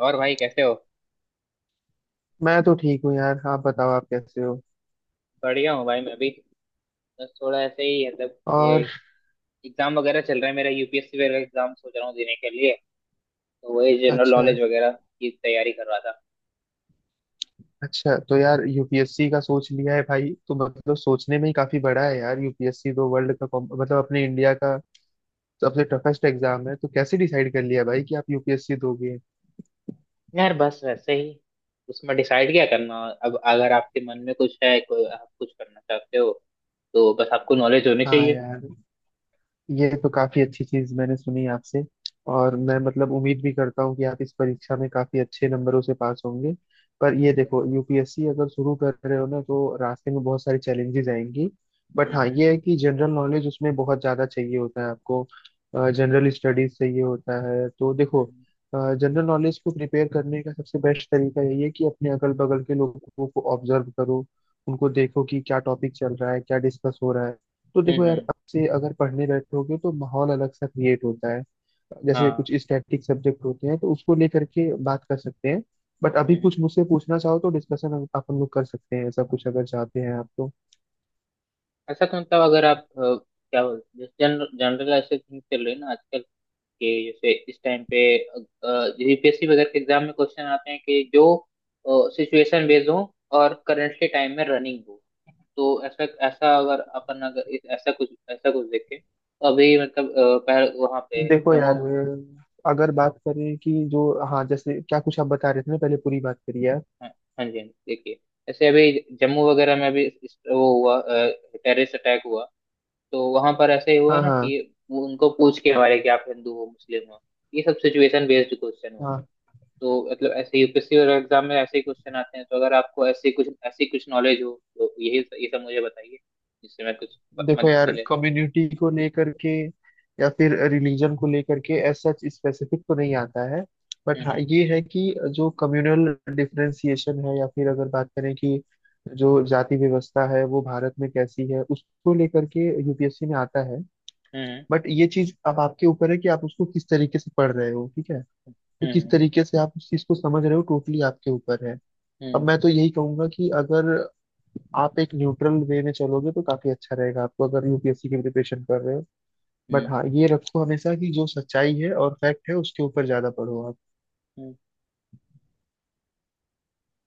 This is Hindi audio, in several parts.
और भाई कैसे हो? मैं तो ठीक हूँ यार। आप बताओ, आप कैसे हो? बढ़िया हूँ भाई मैं भी। बस थोड़ा ऐसे ही मतलब ये और एग्जाम वगैरह चल रहा है मेरा यूपीएससी वगैरह एग्जाम सोच रहा हूँ देने के लिए। तो वही जनरल अच्छा, नॉलेज वगैरह की तैयारी कर रहा था। अच्छा तो यार, यूपीएससी का सोच लिया है भाई। तो मतलब सोचने में ही काफी बड़ा है यार, यूपीएससी तो वर्ल्ड का मतलब अपने इंडिया का सबसे टफेस्ट एग्जाम है। तो कैसे डिसाइड कर लिया भाई कि आप यूपीएससी दोगे? यार बस वैसे ही उसमें डिसाइड क्या करना। अब अगर आपके मन में कुछ है कोई आप कुछ करना चाहते हो तो बस आपको नॉलेज होनी हाँ चाहिए। यार, ये तो काफी अच्छी चीज मैंने सुनी आपसे। और मैं मतलब उम्मीद भी करता हूँ कि आप इस परीक्षा में काफी अच्छे नंबरों से पास होंगे। पर ये हम्म। देखो, यूपीएससी अगर शुरू कर रहे हो ना, तो रास्ते में बहुत सारी चैलेंजेस आएंगी। बट हाँ, हम्म। ये है कि जनरल नॉलेज उसमें बहुत ज्यादा चाहिए होता है आपको, जनरल स्टडीज चाहिए होता है। तो देखो, जनरल नॉलेज को प्रिपेयर करने का सबसे बेस्ट तरीका यही है कि अपने अगल बगल के लोगों को ऑब्जर्व करो। उनको देखो कि क्या टॉपिक चल रहा है, क्या डिस्कस हो रहा है। तो देखो हम्म। यार, आपसे अगर पढ़ने बैठोगे तो माहौल अलग सा क्रिएट होता है। जैसे हाँ। कुछ स्टैटिक सब्जेक्ट होते हैं तो उसको लेकर के बात कर सकते हैं। बट अभी हम्म। कुछ मुझसे पूछना चाहो तो डिस्कशन हम अपन लोग कर सकते हैं, ऐसा कुछ अगर चाहते हैं आप तो। अच्छा तो मतलब अगर आप क्या जनरल जनरल ऐसे थिंग चल रही है ना आजकल? कि जैसे इस टाइम पे यूपीएससी वगैरह के एग्जाम में क्वेश्चन आते हैं कि जो सिचुएशन बेस्ड हो और करंटली टाइम में रनिंग हो। तो ऐसा ऐसा अगर अपन अगर इस- ऐसा कुछ देखें तो अभी मतलब पहल वहाँ पे देखो जम्मू। यार, अगर बात करें कि जो, हाँ जैसे, क्या कुछ आप बता रहे थे ना, पहले पूरी बात करिए आप। हाँ। हाँ जी हाँ जी, देखिए। ऐसे अभी जम्मू वगैरह में अभी वो हुआ टेररिस्ट अटैक हुआ। तो वहां पर ऐसे ही हुआ हाँ ना हाँ कि वो उनको पूछ के हमारे कि आप हिंदू हो मुस्लिम हो। ये सब सिचुएशन बेस्ड क्वेश्चन हो। हाँ। तो मतलब ऐसे यूपीएससी और एग्जाम में ऐसे ही क्वेश्चन आते हैं तो अगर आपको ऐसे कुछ ऐसी कुछ नॉलेज हो तो यही ये सब मुझे बताइए जिससे मैं कुछ देखो मदद यार, मिले। कम्युनिटी को लेकर के या फिर रिलीजन को लेकर के एज सच स्पेसिफिक तो नहीं आता है। बट हाँ, हम्म। ये है कि जो कम्युनल डिफरेंसिएशन है या फिर अगर बात करें कि जो जाति व्यवस्था है वो भारत में कैसी है, उसको लेकर के यूपीएससी में आता है। हम्म। बट ये चीज अब आपके ऊपर है कि आप उसको किस तरीके से पढ़ रहे हो, ठीक है। तो किस हम्म। तरीके से आप उस चीज को समझ रहे हो टोटली आपके ऊपर है। अब हम्म। मैं तो यही कहूंगा कि अगर आप एक न्यूट्रल वे में चलोगे तो काफी अच्छा रहेगा आपको, अगर यूपीएससी की प्रिपरेशन कर रहे हो। बट हम्म। हाँ, ये रखो हमेशा कि जो सच्चाई है और फैक्ट है उसके ऊपर ज्यादा पढ़ो आप। हम्म।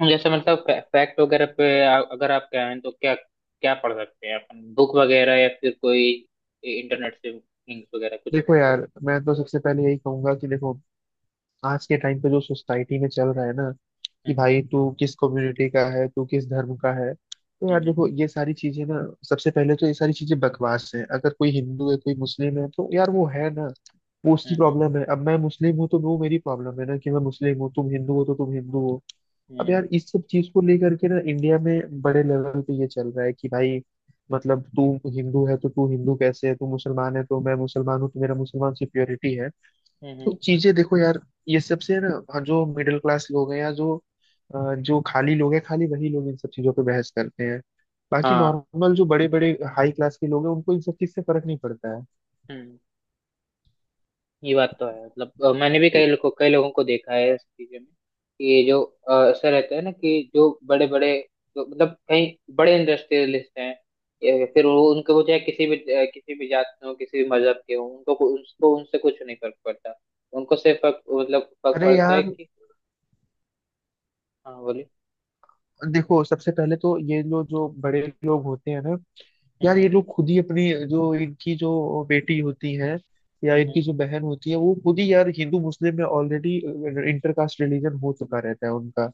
हम्म। जैसे मतलब फैक्ट वगैरह पे अगर आप कहें तो क्या क्या पढ़ सकते हैं अपन बुक वगैरह या फिर कोई इंटरनेट से लिंक्स वगैरह कुछ। देखो यार, मैं तो सबसे पहले यही कहूंगा कि देखो, आज के टाइम पे जो सोसाइटी में चल रहा है ना, कि हम्म। भाई तू किस कम्युनिटी का है, तू किस धर्म का है। तो यार हम्म। देखो ये सारी चीजें ना, सबसे पहले तो ये सारी चीजें बकवास है। अगर कोई हिंदू है कोई मुस्लिम है तो यार वो है ना, वो उसकी हम्म। हम्म। प्रॉब्लम है। अब मैं मुस्लिम हूँ तो वो मेरी प्रॉब्लम है ना कि मैं मुस्लिम हूँ, तुम हिंदू हो तो तुम हिंदू हो। अब यार हम्म। इस सब चीज को लेकर के ना इंडिया में बड़े लेवल पे ये चल रहा है कि भाई मतलब तू हिंदू है तो तू हिंदू कैसे है, तू मुसलमान है तो मैं मुसलमान हूँ तो मेरा मुसलमान सिक्योरिटी है। हम्म, हम्म, तो चीजें देखो यार, ये सबसे ना, हाँ, जो मिडिल क्लास लोग हैं या जो जो खाली लोग हैं, खाली वही लोग इन सब चीजों पे बहस करते हैं। बाकी हाँ। नॉर्मल जो बड़े बड़े हाई क्लास के लोग हैं उनको इन सब चीज से फर्क नहीं पड़ता है। हम्म। ये बात तो है मतलब मैंने भी कई लोगों को देखा है इस चीज़ में कि जो ऐसा रहता है ना कि जो बड़े बड़े जो मतलब कहीं बड़े इंडस्ट्रियलिस्ट हैं। या फिर वो उनको वो चाहे किसी भी किसी भी जात के हों किसी भी मजहब के हों उनको उनको उनसे कुछ नहीं फर्क पड़ता। उनको सिर्फ फर्क अरे पड़ता है यार कि। हाँ बोलिए। देखो, सबसे पहले तो ये लोग जो बड़े लोग होते हैं ना, यार ये हम्म। लोग खुद ही अपनी जो, इनकी जो बेटी होती है या हम्म। इनकी जो बहन होती है, वो खुद ही यार हिंदू मुस्लिम में ऑलरेडी इंटर कास्ट रिलीजन हो चुका रहता है उनका।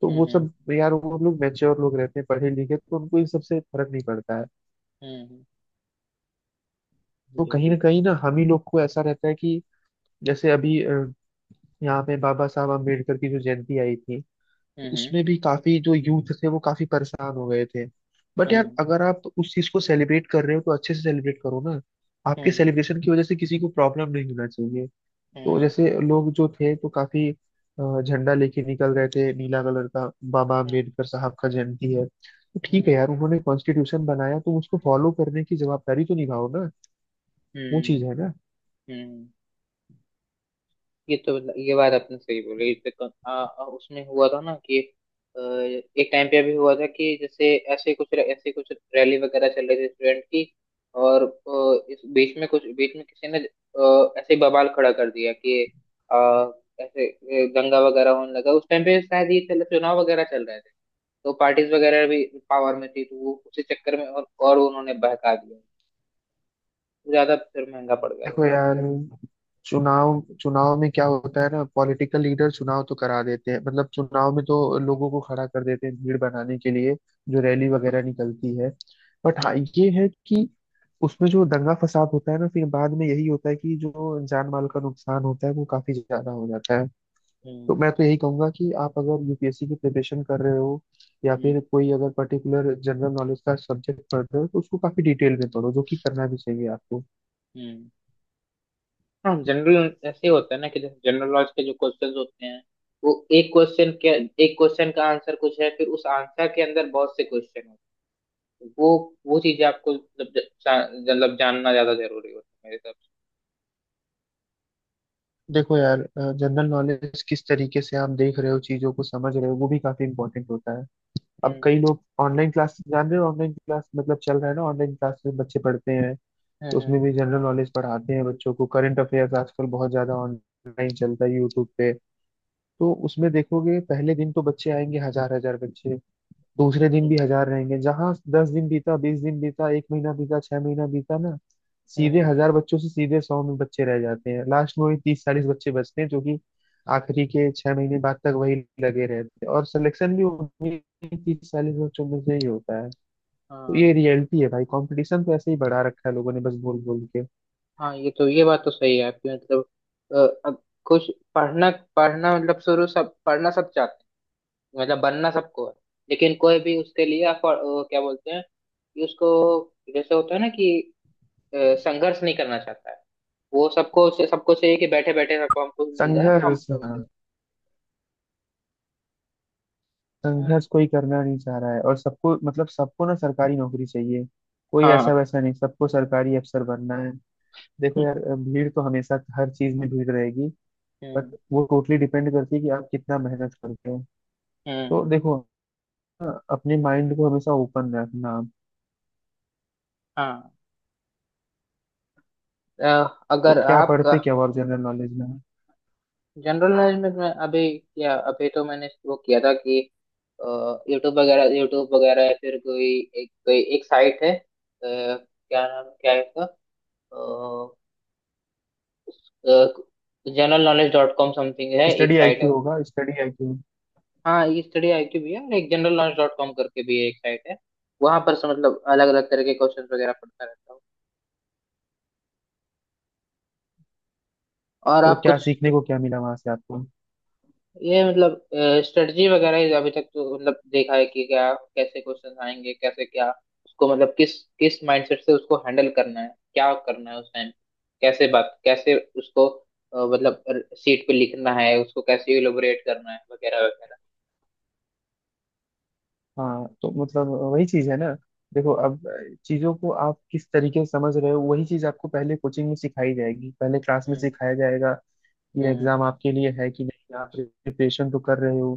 तो वो हम्म। हम्म। सब यार, वो लोग मैच्योर लोग रहते हैं, पढ़े लिखे, तो उनको इन सबसे फर्क नहीं पड़ता है। हम्म। हम्म। तो बेबी। कहीं ना हम ही लोग को ऐसा रहता है कि जैसे अभी यहाँ पे बाबा साहब अम्बेडकर की जो जयंती आई थी, तो हम्म। उसमें भी काफी जो यूथ थे वो काफी परेशान हो गए थे। बट यार, हम्म। अगर आप उस चीज को सेलिब्रेट कर रहे हो तो अच्छे से सेलिब्रेट करो ना। आपके हम्म। सेलिब्रेशन की वजह से किसी को प्रॉब्लम नहीं होना चाहिए। तो हम्म। जैसे लोग जो थे तो काफी झंडा लेके निकल गए थे नीला कलर का। बाबा हम्म। अम्बेडकर साहब का जयंती है तो हम्म। ठीक है हम्म। यार, उन्होंने कॉन्स्टिट्यूशन बनाया तो उसको फॉलो करने की जवाबदारी तो निभाओ ना, वो हम्म। चीज है ना। हम्म। ये बात आपने सही बोली इस पे कन- आ, आ, उसमें हुआ था ना कि एक टाइम पे अभी हुआ था कि जैसे ऐसे कुछ रैली वगैरह चल रही थी स्टूडेंट की। और इस बीच में कुछ बीच में किसी ने ऐसे ही बवाल खड़ा कर दिया कि अ, ऐसे दंगा वगैरह होने लगा उस टाइम पे शायद ये चल चुनाव वगैरह चल रहे थे। तो पार्टीज वगैरह भी पावर में थी तो वो उसी चक्कर में और उन्होंने बहका दिया। ज्यादा फिर महंगा पड़ गया देखो था। यार, चुनाव, चुनाव में क्या होता है ना, पॉलिटिकल लीडर चुनाव तो करा देते हैं, मतलब चुनाव में तो लोगों को खड़ा कर देते हैं भीड़ बनाने के लिए, जो रैली हम्म। वगैरह निकलती है। बट हाँ, हम्म। ये है कि उसमें जो दंगा फसाद होता है ना फिर बाद में, यही होता है कि जो जान माल का नुकसान होता है वो काफी ज्यादा हो जाता है। तो हम्म। मैं तो यही कहूंगा कि आप अगर यूपीएससी की प्रिपरेशन कर रहे हो या हम्म। फिर कोई अगर पर्टिकुलर जनरल नॉलेज का सब्जेक्ट पढ़ रहे हो तो उसको काफी डिटेल में पढ़ो, जो कि करना भी चाहिए आपको। हम्म। हाँ जनरल ऐसे होता है ना कि जैसे जनरल नॉलेज के जो क्वेश्चंस होते हैं वो एक क्वेश्चन के एक क्वेश्चन का आंसर कुछ है फिर उस आंसर के अंदर बहुत से क्वेश्चन होते हैं वो चीजें आपको मतलब जानना ज्यादा जरूरी होता है मेरे हिसाब देखो यार, जनरल नॉलेज किस तरीके से आप देख रहे हो, चीजों को समझ रहे हो, वो भी काफी इंपॉर्टेंट होता है। से। अब हम्म। कई लोग ऑनलाइन क्लास जान रहे हो, ऑनलाइन क्लास मतलब चल रहा है ना, ऑनलाइन क्लास में बच्चे पढ़ते हैं। तो हम्म। उसमें भी जनरल नॉलेज पढ़ाते हैं बच्चों को, करंट अफेयर्स आजकल बहुत ज्यादा ऑनलाइन चलता है यूट्यूब पे। तो उसमें देखोगे पहले दिन तो बच्चे आएंगे हजार हजार बच्चे, दूसरे दिन हम्म। भी हजार रहेंगे, जहां 10 दिन बीता, 20 दिन बीता, एक महीना बीता, 6 महीना बीता ना, हम्म, सीधे हम्म, हजार बच्चों से सीधे सौ में बच्चे रह जाते हैं। लास्ट में वही 30-40 बच्चे बचते हैं, जो कि आखिरी के 6 महीने बाद तक वही लगे रहते हैं, और सिलेक्शन भी उन्हीं 30-40 बच्चों में से ही होता है। तो ये हाँ। रियलिटी है भाई, कंपटीशन तो ऐसे ही बढ़ा रखा है लोगों ने बस बोल बोल के। हाँ। ये बात तो सही है आपकी मतलब अ, अब कुछ पढ़ना पढ़ना मतलब शुरू सब पढ़ना सब चाहते हैं मतलब बनना सबको है लेकिन कोई भी उसके लिए क्या बोलते हैं कि उसको जैसे होता है ना कि संघर्ष नहीं करना चाहता है वो सबको सबको चाहिए कि बैठे बैठे सबको हमको भी मिल जाए संघर्ष, हमको मिल हाँ, जाए। हम्म, संघर्ष कोई करना नहीं चाह रहा है और सबको, मतलब सबको ना सरकारी नौकरी चाहिए। कोई ऐसा हाँ। वैसा नहीं, सबको सरकारी अफसर बनना है। देखो यार, भीड़ तो हमेशा हर चीज में भीड़ रहेगी। बट हम्म। वो टोटली डिपेंड करती है कि आप कितना मेहनत करते हो। तो हम्म। देखो ना, अपने माइंड को हमेशा ओपन रखना आप। हाँ। अ, अगर तो क्या आपका पढ़ते क्या और जनरल नॉलेज में? जनरल नॉलेज में मैं अभी तो मैंने वो किया था कि यूट्यूब वगैरह या फिर कोई एक साइट है क्या है इसका generalknowledge.com समथिंग है एक स्टडी साइट है। आईक्यू होगा, स्टडी आईक्यू। हाँ ये स्टडी आईक्यू भी है और एक generalknowledge.com करके भी एक साइट है। वहां पर से मतलब अलग अलग तरह के क्वेश्चन वगैरह पढ़ता रहता हूँ। और तो आप क्या कुछ। सीखने को क्या मिला वहां से आपको? ये मतलब स्ट्रेटजी वगैरह ही अभी तक तो मतलब देखा है कि क्या कैसे क्वेश्चन आएंगे कैसे क्या उसको मतलब किस किस माइंडसेट से उसको हैंडल करना है क्या करना है उस टाइम कैसे उसको मतलब सीट पे लिखना है उसको कैसे इलोबरेट करना है वगैरह वगैरह। हाँ तो मतलब वही चीज है ना। देखो अब चीजों को आप किस तरीके से समझ रहे हो, वही चीज आपको पहले कोचिंग में सिखाई जाएगी, पहले क्लास में हम्म। सिखाया जाएगा। ये हम्म। एग्जाम आपके लिए है कि नहीं, आप प्रिपरेशन तो कर रहे हो,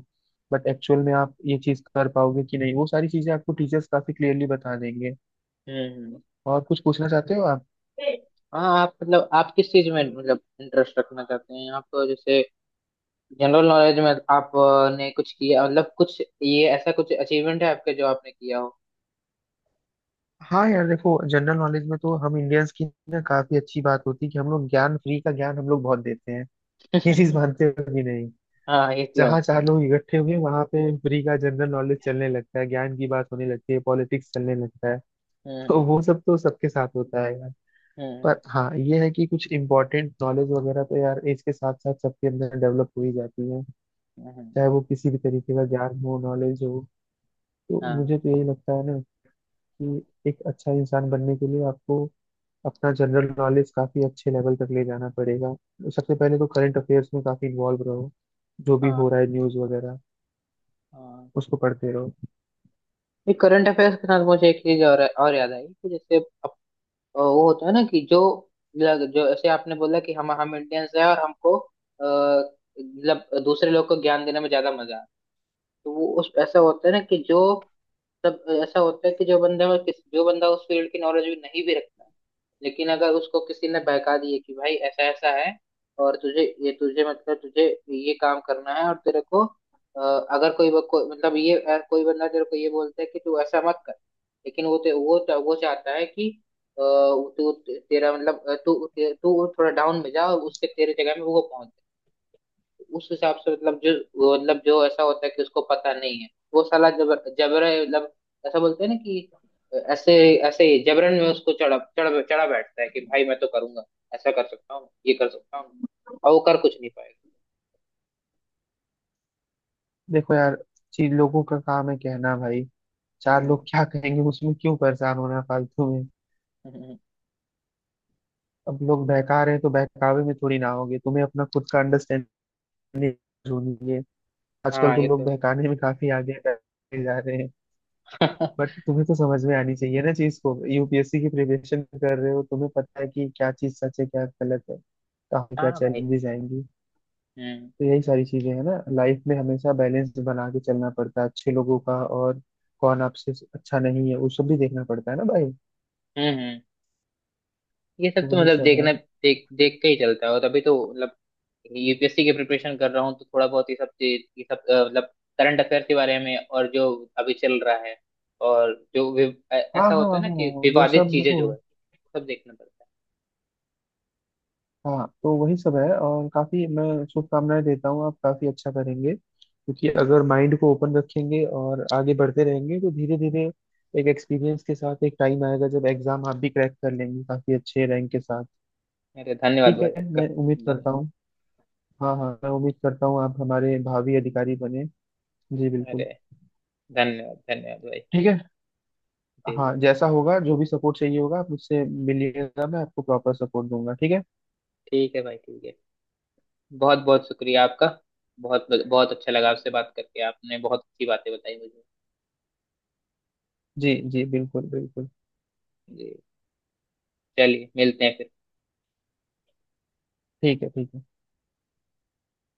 बट एक्चुअल में आप ये चीज कर पाओगे कि नहीं, वो सारी चीजें आपको टीचर्स काफी क्लियरली बता देंगे। हम्म। और कुछ पूछना चाहते हो आप? हाँ। आप किस चीज में मतलब इंटरेस्ट रखना चाहते हैं आप जैसे जनरल नॉलेज में आपने कुछ किया मतलब कुछ ये ऐसा कुछ अचीवमेंट है आपके जो आपने किया हो। हाँ यार देखो, जनरल नॉलेज में तो हम इंडियंस की ना काफी अच्छी बात होती है कि हम लोग ज्ञान, फ्री का ज्ञान हम लोग बहुत देते हैं। ये चीज मानते हो कि नहीं? हाँ ये क्यों जहाँ होता चार है? लोग इकट्ठे हुए वहां पे फ्री का जनरल नॉलेज चलने लगता है, ज्ञान की बात होने लगती है, पॉलिटिक्स चलने लगता है। तो हम्म। वो सब तो सबके साथ होता है। हम्म। पर हाँ, ये है कि कुछ इम्पोर्टेंट नॉलेज वगैरह तो यार एज के साथ साथ सबके अंदर डेवलप हो ही जाती है, हम्म, चाहे वो किसी भी तरीके का ज्ञान हो, नॉलेज हो। तो हाँ। मुझे तो यही लगता है ना कि एक अच्छा इंसान बनने के लिए आपको अपना जनरल नॉलेज काफी अच्छे लेवल तक ले जाना पड़ेगा। सबसे पहले तो करंट अफेयर्स में काफी इन्वॉल्व रहो, जो भी हाँ। हो रहा है न्यूज वगैरह हाँ। उसको पढ़ते रहो। ये करंट अफेयर्स के साथ मुझे एक चीज और याद आई कि जैसे वो होता है ना कि जो ऐसे आपने बोला कि हम इंडियंस हैं और हमको मतलब दूसरे लोग को ज्ञान देने में ज्यादा मजा आता है। तो वो उस ऐसा होता है ना कि जो तब ऐसा होता है कि जो बंदा उस फील्ड की नॉलेज भी नहीं भी रखता लेकिन अगर उसको किसी ने बहका दिए कि भाई ऐसा ऐसा है और तुझे ये काम करना है और तेरे को अगर कोई ब- कोई- मतलब ये अ, कोई बंदा तेरे को ये बोलता है कि तू ऐसा मत कर। लेकिन वो ते, वो चा- वो चाहता है कि अ, तू तेरा मतलब अ, तू तू थोड़ा डाउन में जा और उसके तेरे जगह में वो पहुंच। उस हिसाब से मतलब जो वो मतलब जो ऐसा होता है कि उसको पता नहीं है वो साला जबर जबर मतलब ऐसा बोलते हैं ना कि ऐसे ऐसे ही जबरन में उसको चढ़ा चढ़ा चढ़ा बैठता है कि भाई मैं तो करूंगा ऐसा कर सकता हूँ ये कर सकता हूँ और वो कर कुछ नहीं पाएगा। देखो यार, चीज लोगों का काम है कहना भाई, चार लोग हम्म, क्या कहेंगे उसमें क्यों परेशान होना फालतू। हम्म, अब लोग बहका रहे हैं तो बहकावे में थोड़ी ना होगे, तुम्हें अपना खुद का अंडरस्टैंडिंग होनी है। आजकल हाँ तो ये लोग तो बहकाने में काफी आगे बढ़ते जा रहे हैं। है। बट तुम्हें तो समझ में आनी चाहिए ना चीज को, यूपीएससी की प्रिपरेशन कर रहे हो, तुम्हें पता है कि क्या चीज सच है क्या गलत है, कहाँ पे क्या हाँ भाई। चैलेंजेस आएंगी। हम्म। तो यही सारी चीजें हैं ना, लाइफ में हमेशा बैलेंस बना के चलना पड़ता है, अच्छे लोगों का और कौन आपसे अच्छा नहीं है वो सब भी देखना पड़ता है ना भाई। हम्म। हम्म। ये सब तो तो वही मतलब सब है। देखना देख देख के ही चलता है और तभी तो मतलब यूपीएससी की प्रिपरेशन कर रहा हूँ तो थोड़ा बहुत ये सब मतलब करंट अफेयर के बारे में और जो अभी चल रहा है और जो हाँ ऐसा हाँ होता है ना हाँ, कि वो विवादित सब चीजें देखो। जो है सब देखना पड़ता हाँ तो वही सब है। और काफी मैं शुभकामनाएं देता हूँ, आप काफी अच्छा करेंगे क्योंकि है। हम्म। हम्म। अगर माइंड को ओपन रखेंगे और आगे बढ़ते रहेंगे तो धीरे धीरे एक एक्सपीरियंस के साथ एक टाइम आएगा जब एग्जाम आप भी क्रैक कर लेंगे काफी अच्छे रैंक के साथ। अरे धन्यवाद ठीक भाई है, आपका मैं उम्मीद धन्य करता हूँ। हाँ हाँ, मैं उम्मीद करता हूँ आप हमारे भावी अधिकारी बने। जी अरे बिल्कुल। धन्यवाद धन्यवाद भाई। ठीक है। जी जी हाँ जैसा होगा, जो भी सपोर्ट चाहिए होगा आप मुझसे मिलिएगा, मैं आपको प्रॉपर सपोर्ट दूंगा, ठीक है? ठीक है भाई ठीक है बहुत बहुत शुक्रिया आपका। बहुत बहुत अच्छा लगा आपसे बात करके आपने बहुत अच्छी बातें बताई मुझे। जी जी बिल्कुल बिल्कुल। जी चलिए मिलते हैं फिर। ठीक है। ठीक है।